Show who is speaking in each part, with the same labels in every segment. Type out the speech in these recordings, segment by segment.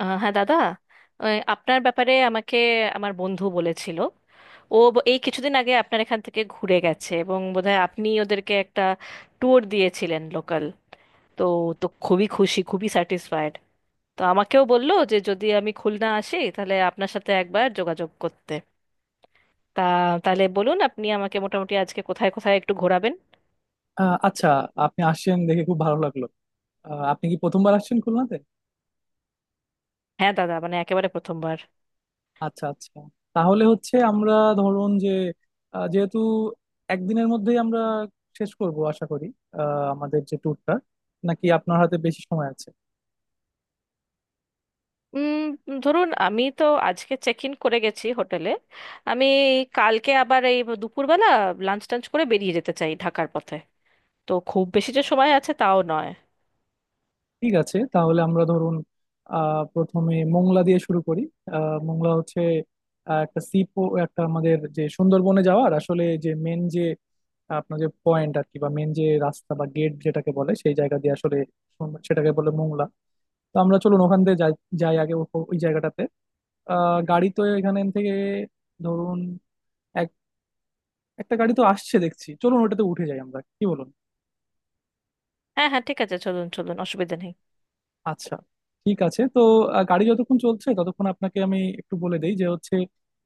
Speaker 1: হ্যাঁ দাদা। ওই আপনার ব্যাপারে আমাকে আমার বন্ধু বলেছিল ও এই কিছুদিন আগে আপনার এখান থেকে ঘুরে গেছে, এবং বোধহয় আপনি ওদেরকে একটা ট্যুর দিয়েছিলেন লোকাল। তো তো খুবই খুশি, খুবই স্যাটিসফাইড। তো আমাকেও বললো যে যদি আমি খুলনা আসি তাহলে আপনার সাথে একবার যোগাযোগ করতে। তা তাহলে বলুন আপনি আমাকে মোটামুটি আজকে কোথায় কোথায় একটু ঘোরাবেন।
Speaker 2: আচ্ছা, আপনি আসছেন দেখে খুব ভালো লাগলো। আপনি কি প্রথমবার আসছেন খুলনাতে?
Speaker 1: হ্যাঁ দাদা, মানে একেবারে প্রথমবার।
Speaker 2: আচ্ছা আচ্ছা। তাহলে হচ্ছে আমরা ধরুন যে যেহেতু একদিনের মধ্যেই আমরা শেষ করব আশা করি আমাদের যে ট্যুরটা, নাকি আপনার হাতে বেশি সময় আছে?
Speaker 1: উম, ধরুন আমি তো আজকে চেক ইন করে গেছি হোটেলে। আমি কালকে আবার এই দুপুরবেলা লাঞ্চ টাঞ্চ করে বেরিয়ে যেতে চাই ঢাকার পথে। তো খুব বেশি যে সময় আছে তাও নয়।
Speaker 2: ঠিক আছে, তাহলে আমরা ধরুন প্রথমে মোংলা দিয়ে শুরু করি। মোংলা হচ্ছে আহ, একটা সি একটা আমাদের যে সুন্দরবনে যাওয়ার আসলে যে মেন যে আপনার যে পয়েন্ট আর কি, বা মেন যে রাস্তা বা গেট যেটাকে বলে সেই জায়গা দিয়ে আসলে সেটাকে বলে মোংলা। তো আমরা চলুন ওখান দিয়ে যাই, যাই আগে ওই জায়গাটাতে। গাড়ি তো এখান থেকে ধরুন এক একটা গাড়ি তো আসছে দেখছি, চলুন ওটাতে উঠে যাই, আমরা কি বলুন।
Speaker 1: হ্যাঁ হ্যাঁ, ঠিক আছে, চলুন চলুন, অসুবিধা নেই।
Speaker 2: আচ্ছা, ঠিক আছে তো। গাড়ি যতক্ষণ চলছে ততক্ষণ আপনাকে আমি একটু বলে দেই যে হচ্ছে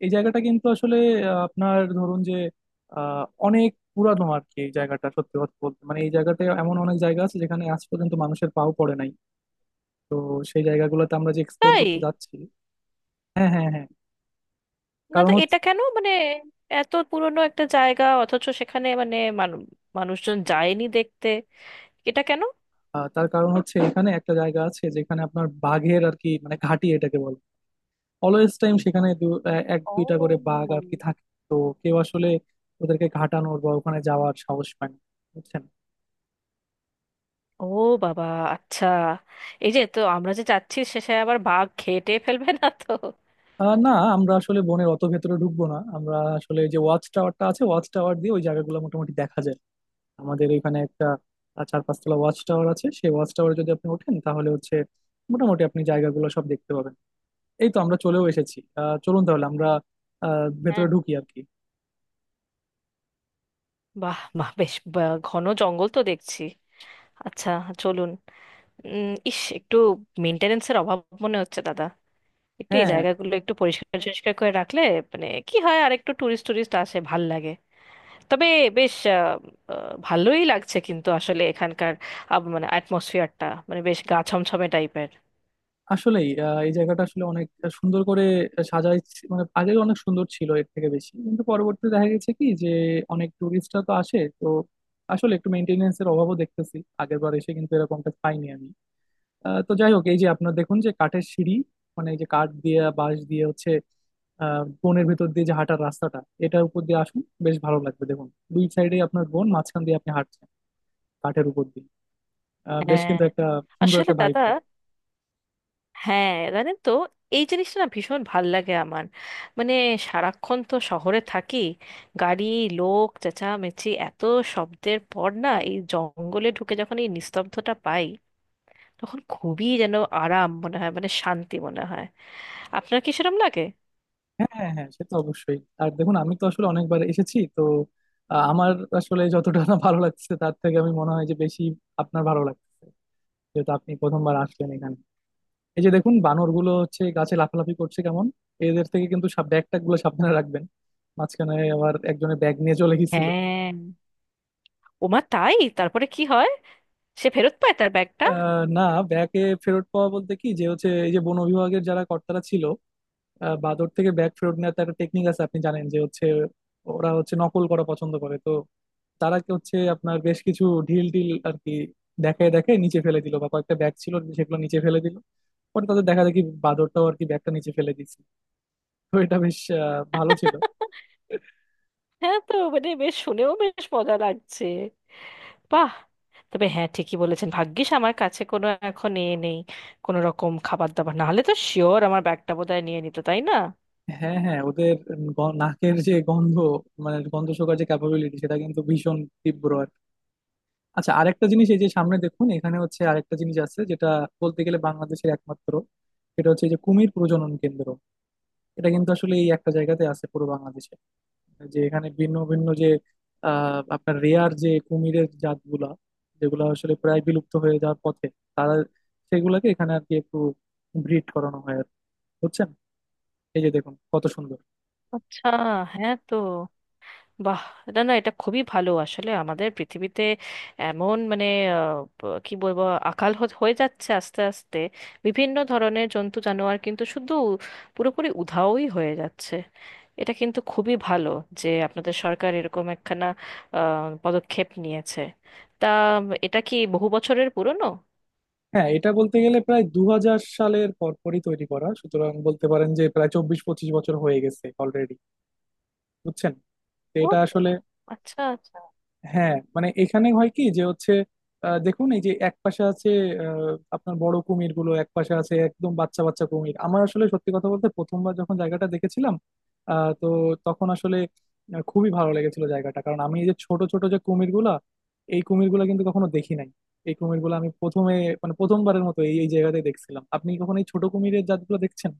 Speaker 2: এই জায়গাটা কিন্তু আসলে আপনার ধরুন যে অনেক পুরানো আর কি। এই জায়গাটা সত্যি কথা বলতে মানে এই জায়গাটা এমন অনেক জায়গা আছে যেখানে আজ পর্যন্ত মানুষের পাও পড়ে নাই। তো সেই জায়গাগুলোতে আমরা যে এক্সপ্লোর
Speaker 1: তাই
Speaker 2: করতে যাচ্ছি। হ্যাঁ হ্যাঁ হ্যাঁ।
Speaker 1: না?
Speaker 2: কারণ
Speaker 1: তো
Speaker 2: হচ্ছে
Speaker 1: এটা কেন, মানে এত পুরনো একটা জায়গা অথচ সেখানে মানে মানুষজন যায়নি দেখতে। এটা কেন?
Speaker 2: তার কারণ হচ্ছে এখানে একটা জায়গা আছে যেখানে আপনার বাঘের আর কি মানে ঘাঁটি এটাকে বলে। অলওয়েজ টাইম সেখানে এক দুইটা করে
Speaker 1: ও!
Speaker 2: বাঘ আর কি থাকে। তো কেউ আসলে ওদেরকে ঘাটানোর বা ওখানে যাওয়ার সাহস পায় না, বুঝছেন।
Speaker 1: ও বাবা! আচ্ছা। এই যে তো আমরা যে যাচ্ছি, শেষে আবার বাঘ খেয়ে টেয়ে ফেলবে না তো?
Speaker 2: না, আমরা আসলে বনের অত ভেতরে ঢুকবো না, আমরা আসলে যে ওয়াচ টাওয়ারটা আছে ওয়াচ টাওয়ার দিয়ে ওই জায়গাগুলো মোটামুটি দেখা যায়। আমাদের এখানে একটা 4-5 তলা ওয়াচ টাওয়ার আছে, সেই ওয়াচ টাওয়ারে যদি আপনি ওঠেন তাহলে হচ্ছে মোটামুটি আপনি জায়গাগুলো সব দেখতে পাবেন। এই তো আমরা চলেও এসেছি, চলুন তাহলে আমরা ভেতরে ঢুকি আর কি।
Speaker 1: বাহ বাহ! বেশ ঘন জঙ্গল তো দেখছি। আচ্ছা, চলুন। ইস, একটু মেনটেনেন্সের অভাব মনে হচ্ছে দাদা। একটু এই
Speaker 2: হ্যাঁ।
Speaker 1: জায়গাগুলো একটু পরিষ্কার পরিষ্কার করে রাখলে মানে কি হয়, আর একটু টুরিস্ট টুরিস্ট আসে, ভাল লাগে। তবে বেশ, আহ, আহ, ভালোই লাগছে কিন্তু আসলে এখানকার মানে অ্যাটমসফিয়ারটা মানে বেশ গা ছমছমে টাইপের।
Speaker 2: আসলেই এই জায়গাটা আসলে অনেক সুন্দর করে সাজাই, মানে আগে অনেক সুন্দর ছিল এর থেকে বেশি, কিন্তু পরবর্তীতে দেখা গেছে কি যে অনেক টুরিস্টরা তো আসে তো, আসলে একটু মেনটেনেন্স এর অভাবও দেখতেছি, আগের বার এসে কিন্তু এরকমটা পাইনি আমি। তো যাই হোক, এই যে আপনার দেখুন যে কাঠের সিঁড়ি, মানে এই যে কাঠ দিয়ে বাঁশ দিয়ে হচ্ছে বনের ভেতর দিয়ে যে হাঁটার রাস্তাটা, এটার উপর দিয়ে আসুন, বেশ ভালো লাগবে, দেখুন দুই সাইডে আপনার বন, মাঝখান দিয়ে আপনি হাঁটছেন কাঠের উপর দিয়ে। বেশ
Speaker 1: হ্যাঁ।
Speaker 2: কিন্তু একটা সুন্দর
Speaker 1: আসলে
Speaker 2: একটা ভাইব।
Speaker 1: দাদা, হ্যাঁ জানেন তো, এই জিনিসটা না ভীষণ ভাল লাগে আমার। মানে সারাক্ষণ তো শহরে থাকি, গাড়ি, লোক, চেঁচামেচি, এত শব্দের পর না এই জঙ্গলে ঢুকে যখন এই নিস্তব্ধতা পাই, তখন খুবই যেন আরাম মনে হয়, মানে শান্তি মনে হয়। আপনার কি সেরকম লাগে?
Speaker 2: হ্যাঁ হ্যাঁ হ্যাঁ সে তো অবশ্যই। আর দেখুন আমি তো আসলে অনেকবার এসেছি তো, আমার আসলে যতটা না ভালো লাগছে তার থেকে আমি মনে হয় যে বেশি আপনার ভালো লাগছে, যেহেতু আপনি প্রথমবার আসলেন এখানে। এই যে দেখুন বানরগুলো হচ্ছে গাছে লাফালাফি করছে কেমন, এদের থেকে কিন্তু সব ব্যাগ ট্যাগ গুলো সাবধানে রাখবেন, মাঝখানে আবার একজনের ব্যাগ নিয়ে চলে গেছিল।
Speaker 1: হ্যাঁ। ওমা, তাই? তারপরে কি হয়? সে ফেরত পায় তার ব্যাগটা?
Speaker 2: না, ব্যাগে ফেরত পাওয়া বলতে কি যে হচ্ছে এই যে বন বিভাগের যারা কর্তারা ছিল বাঁদর থেকে ব্যাগ ফেরত নেওয়ার তো একটা টেকনিক আছে, আপনি জানেন যে হচ্ছে ওরা হচ্ছে নকল করা পছন্দ করে তো, তারা কি হচ্ছে আপনার বেশ কিছু ঢিল টিল আর কি দেখায়, দেখে নিচে ফেলে দিল বা কয়েকটা ব্যাগ ছিল সেগুলো নিচে ফেলে দিল, পরে তাদের দেখা দেখি বাঁদরটাও আর কি ব্যাগটা নিচে ফেলে দিচ্ছে। তো এটা বেশ ভালো ছিল।
Speaker 1: হ্যাঁ, তো মানে বেশ শুনেও বেশ মজা লাগছে। বাহ। তবে হ্যাঁ, ঠিকই বলেছেন, ভাগ্যিস আমার কাছে কোনো এখন এ নেই, কোনো রকম খাবার দাবার, না হলে তো শিওর আমার ব্যাগটা বোধহয় নিয়ে নিত, তাই না?
Speaker 2: হ্যাঁ হ্যাঁ, ওদের নাকের যে গন্ধ, মানে গন্ধ শোকার যে ক্যাপাবিলিটি সেটা কিন্তু ভীষণ তীব্র আর কি। আচ্ছা, আরেকটা জিনিস, এই যে সামনে দেখুন এখানে হচ্ছে আরেকটা জিনিস আছে যেটা বলতে গেলে বাংলাদেশের একমাত্র, সেটা হচ্ছে এই যে কুমির প্রজনন কেন্দ্র। এটা কিন্তু আসলে এই একটা জায়গাতে আছে পুরো বাংলাদেশে, যে এখানে ভিন্ন ভিন্ন যে আপনার রেয়ার যে কুমিরের জাতগুলা, যেগুলো আসলে প্রায় বিলুপ্ত হয়ে যাওয়ার পথে, তারা সেগুলাকে এখানে আর কি একটু ব্রিড করানো হয় আর কি। বুঝছেন, এই যে দেখুন কত সুন্দর।
Speaker 1: আচ্ছা। হ্যাঁ, তো বাহ। না না, এটা খুবই ভালো, আসলে আমাদের পৃথিবীতে এমন মানে কি বলবো, আকাল হয়ে যাচ্ছে আস্তে আস্তে। বিভিন্ন ধরনের জন্তু জানোয়ার কিন্তু শুধু পুরোপুরি উধাওই হয়ে যাচ্ছে। এটা কিন্তু খুবই ভালো যে আপনাদের সরকার এরকম একখানা পদক্ষেপ নিয়েছে। তা এটা কি বহু বছরের পুরনো?
Speaker 2: হ্যাঁ, এটা বলতে গেলে প্রায় 2000 সালের পরপরই তৈরি করা, সুতরাং বলতে পারেন যে প্রায় 24-25 বছর হয়ে গেছে অলরেডি, বুঝছেন। তো
Speaker 1: ও,
Speaker 2: এটা আসলে
Speaker 1: আচ্ছা আচ্ছা।
Speaker 2: হ্যাঁ মানে এখানে হয় কি যে হচ্ছে দেখুন এই যে এক পাশে আছে আহ, আপনার বড় কুমির গুলো এক পাশে আছে, একদম বাচ্চা বাচ্চা কুমির। আমার আসলে সত্যি কথা বলতে প্রথমবার যখন জায়গাটা দেখেছিলাম আহ, তো তখন আসলে খুবই ভালো লেগেছিল জায়গাটা, কারণ আমি এই যে ছোট ছোট যে কুমির গুলা, এই কুমির গুলা কিন্তু কখনো দেখি নাই, এই কুমির গুলো আমি প্রথমে মানে প্রথমবারের মতো এই এই জায়গাতে দেখছিলাম। আপনি কখনো এই ছোট কুমিরের জাতগুলো দেখছেন?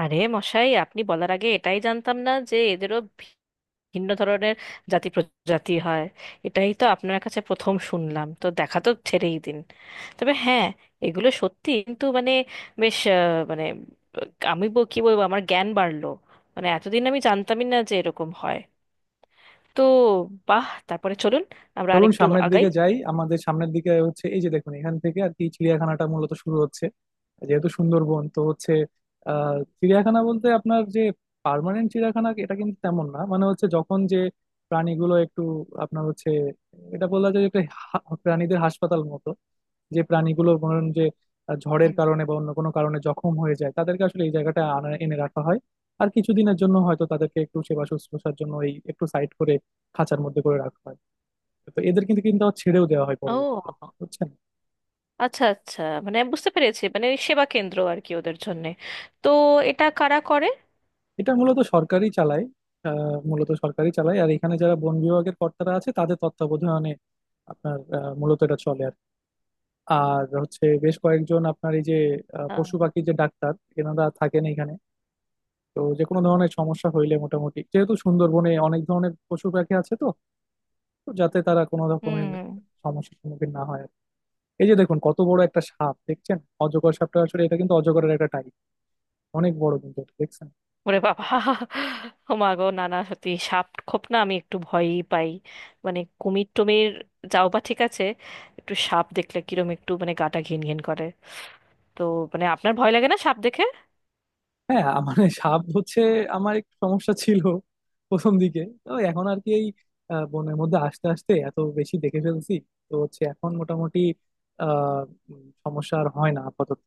Speaker 1: আরে মশাই, আপনি বলার আগে এটাই জানতাম না যে এদেরও ভিন্ন ধরনের জাতি প্রজাতি হয়। এটাই তো আপনার কাছে প্রথম শুনলাম, তো দেখা তো ছেড়েই দিন। তবে হ্যাঁ, এগুলো সত্যি কিন্তু মানে বেশ মানে আহ, আমি কি বলবো, আমার জ্ঞান বাড়লো। মানে এতদিন আমি জানতামই না যে এরকম হয়। তো বাহ, তারপরে চলুন আমরা
Speaker 2: চলুন
Speaker 1: আরেকটু
Speaker 2: সামনের
Speaker 1: আগাই।
Speaker 2: দিকে যাই, আমাদের সামনের দিকে হচ্ছে এই যে দেখুন এখান থেকে আর কি চিড়িয়াখানাটা মূলত শুরু হচ্ছে। যেহেতু সুন্দরবন তো হচ্ছে চিড়িয়াখানা বলতে আপনার যে পার্মানেন্ট চিড়িয়াখানা এটা কিন্তু তেমন না, মানে হচ্ছে যখন যে প্রাণীগুলো একটু আপনার হচ্ছে এটা বলা যায় যে একটা প্রাণীদের হাসপাতাল মতো, যে প্রাণীগুলো ধরুন যে ঝড়ের
Speaker 1: হুম।
Speaker 2: কারণে বা অন্য কোনো কারণে জখম হয়ে যায়, তাদেরকে আসলে এই জায়গাটা আনা এনে রাখা হয়, আর কিছুদিনের জন্য হয়তো তাদেরকে একটু সেবা শুশ্রূষার জন্য এই একটু সাইড করে খাঁচার মধ্যে করে রাখা হয়। তো এদের কিন্তু কিন্তু আবার ছেড়েও দেওয়া হয় পরবর্তীতে,
Speaker 1: ও,
Speaker 2: বুঝছেন।
Speaker 1: আচ্ছা আচ্ছা, মানে বুঝতে পেরেছি, মানে ওই সেবা কেন্দ্র আর কি ওদের জন্যে। তো এটা কারা করে?
Speaker 2: এটা মূলত সরকারই চালায়, মূলত সরকারই চালায়, আর এখানে যারা বন বিভাগের কর্তারা আছে তাদের তত্ত্বাবধানে আপনার মূলত এটা চলে আর কি। আর হচ্ছে বেশ কয়েকজন আপনার এই যে
Speaker 1: আহ,
Speaker 2: পশু পাখির যে ডাক্তার, এনারা থাকেন এখানে। তো যে কোনো ধরনের সমস্যা হইলে মোটামুটি, যেহেতু সুন্দরবনে অনেক ধরনের পশু পাখি আছে তো, তো যাতে তারা কোনো রকমের
Speaker 1: হুম।
Speaker 2: সমস্যার সম্মুখীন না হয় আর কি। এই যে দেখুন কত বড় একটা সাপ, দেখছেন অজগর সাপটা? আসলে এটা কিন্তু অজগরের একটা টাইপ, অনেক বড় কিন্তু এটা, দেখছেন।
Speaker 1: ওরে বাবা! ও মা গো, না না সত্যি, সাপ খোপ না আমি একটু ভয়ই পাই। মানে কুমির টুমির যাও বা ঠিক আছে, একটু সাপ দেখলে কিরম একটু মানে গাটা ঘিনঘিন করে। তো মানে আপনার ভয় লাগে না সাপ দেখে?
Speaker 2: হ্যাঁ মানে সাপ হচ্ছে আমার একটু সমস্যা ছিল প্রথম দিকে তো, এখন আর কি এই বনের মধ্যে আস্তে আস্তে এত বেশি দেখে ফেলছি তো হচ্ছে এখন মোটামুটি আহ সমস্যা আর হয় না আপাতত।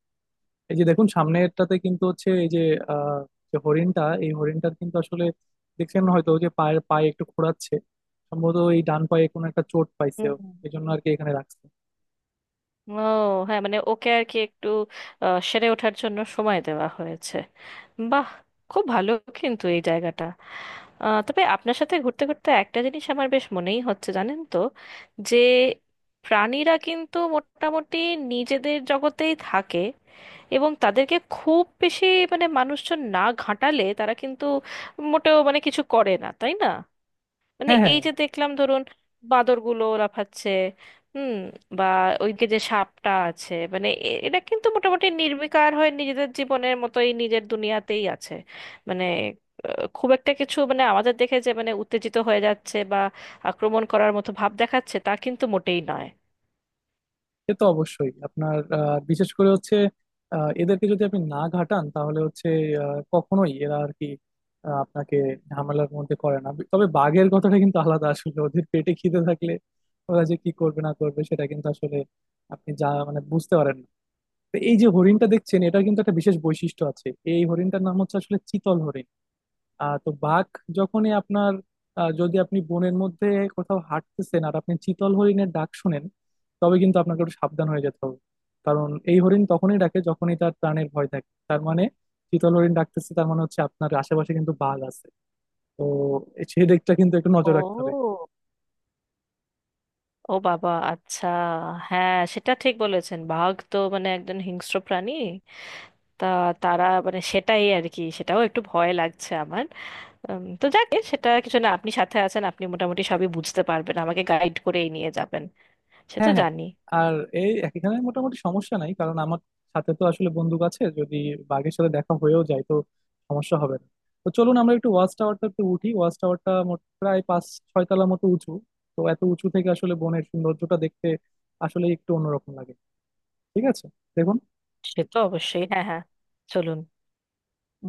Speaker 2: এই যে দেখুন সামনেরটাতে কিন্তু হচ্ছে এই যে আহ যে হরিণটা, এই হরিণটার কিন্তু আসলে দেখছেন হয়তো যে পায়ে একটু খোঁড়াচ্ছে, সম্ভবত এই ডান পায়ে কোনো একটা চোট পাইছে ও। এই জন্য আর কি এখানে রাখছে।
Speaker 1: ও হ্যাঁ, মানে ওকে আর কি একটু সেরে ওঠার জন্য সময় দেওয়া হয়েছে। বাহ, খুব ভালো। কিন্তু এই জায়গাটা তবে আপনার সাথে ঘুরতে ঘুরতে একটা জিনিস আমার বেশ মনেই হচ্ছে, জানেন তো, যে প্রাণীরা কিন্তু মোটামুটি নিজেদের জগতেই থাকে, এবং তাদেরকে খুব বেশি, মানে মানুষজন না ঘাঁটালে তারা কিন্তু মোটেও মানে কিছু করে না, তাই না? মানে
Speaker 2: হ্যাঁ হ্যাঁ
Speaker 1: এই যে দেখলাম, ধরুন বাঁদরগুলো লাফাচ্ছে, হুম, বা ওইদিকে যে সাপটা আছে, মানে এরা কিন্তু মোটামুটি নির্বিকার হয়ে নিজেদের জীবনের মতোই নিজের দুনিয়াতেই আছে। মানে খুব একটা কিছু মানে আমাদের দেখে যে মানে উত্তেজিত হয়ে যাচ্ছে বা আক্রমণ করার মতো ভাব দেখাচ্ছে, তা কিন্তু মোটেই নয়।
Speaker 2: সে তো অবশ্যই। আপনার বিশেষ করে হচ্ছে এদেরকে যদি আপনি না ঘাটান তাহলে হচ্ছে কখনোই এরা আর কি আপনাকে ঝামেলার মধ্যে করে না, তবে বাঘের কথাটা কিন্তু আলাদা, আসলে ওদের পেটে খিদে থাকলে ওরা যে কি করবে না করবে সেটা কিন্তু আসলে আপনি যা মানে বুঝতে পারেন না। তো এই যে হরিণটা দেখছেন, এটার কিন্তু একটা বিশেষ বৈশিষ্ট্য আছে, এই হরিণটার নাম হচ্ছে আসলে চিতল হরিণ। তো বাঘ যখনই আপনার যদি আপনি বনের মধ্যে কোথাও হাঁটতেছেন আর আপনি চিতল হরিণের ডাক শুনেন, তবে কিন্তু আপনাকে একটু সাবধান হয়ে যেতে হবে, কারণ এই হরিণ তখনই ডাকে যখনই তার প্রাণের ভয় থাকে। তার মানে চিতল হরিণ ডাকতেছে তার মানে হচ্ছে আপনার আশেপাশে কিন্তু বাঘ আছে, তো সেই দিকটা কিন্তু একটু
Speaker 1: ও!
Speaker 2: নজর রাখতে হবে।
Speaker 1: ও বাবা! আচ্ছা। হ্যাঁ, সেটা ঠিক বলেছেন, বাঘ তো মানে একজন হিংস্র প্রাণী। তা তারা মানে সেটাই আর কি, সেটাও একটু ভয় লাগছে আমার। তো যাক, এ সেটা কিছু না, আপনি সাথে আছেন, আপনি মোটামুটি সবই বুঝতে পারবেন, আমাকে গাইড করেই নিয়ে যাবেন। সে তো
Speaker 2: হ্যাঁ হ্যাঁ।
Speaker 1: জানি।
Speaker 2: আর এই এখানে মোটামুটি সমস্যা নাই, কারণ আমার সাথে তো আসলে বন্দুক আছে, যদি বাঘের সাথে দেখা হয়েও যায় তো সমস্যা হবে না। তো চলুন আমরা একটু ওয়াচ টাওয়ারটা একটু উঠি, ওয়াচ টাওয়ারটা মোট প্রায় 5-6 তলা মতো উঁচু। তো এত উঁচু থেকে আসলে বনের সৌন্দর্যটা দেখতে আসলে একটু অন্যরকম লাগে, ঠিক আছে? দেখুন।
Speaker 1: সে তো অবশ্যই, হ্যাঁ হ্যাঁ, চলুন।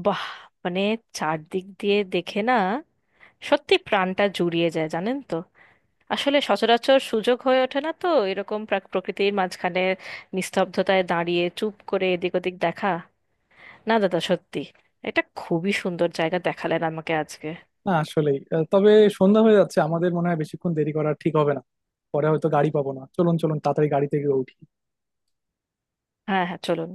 Speaker 1: বাহ, মানে চারদিক দিয়ে দেখে না, সত্যি প্রাণটা জুড়িয়ে যায়, জানেন তো। আসলে সচরাচর সুযোগ হয়ে ওঠে না তো এরকম প্রকৃতির মাঝখানে নিস্তব্ধতায় দাঁড়িয়ে চুপ করে এদিক ওদিক দেখা। না দাদা, সত্যি এটা খুবই সুন্দর জায়গা দেখালেন আমাকে আজকে।
Speaker 2: না আসলেই তবে সন্ধ্যা হয়ে যাচ্ছে, আমাদের মনে হয় বেশিক্ষণ দেরি করা ঠিক হবে না, পরে হয়তো গাড়ি পাবো না, চলুন চলুন তাড়াতাড়ি গাড়িতে গিয়ে উঠি।
Speaker 1: হ্যাঁ হ্যাঁ, চলুন।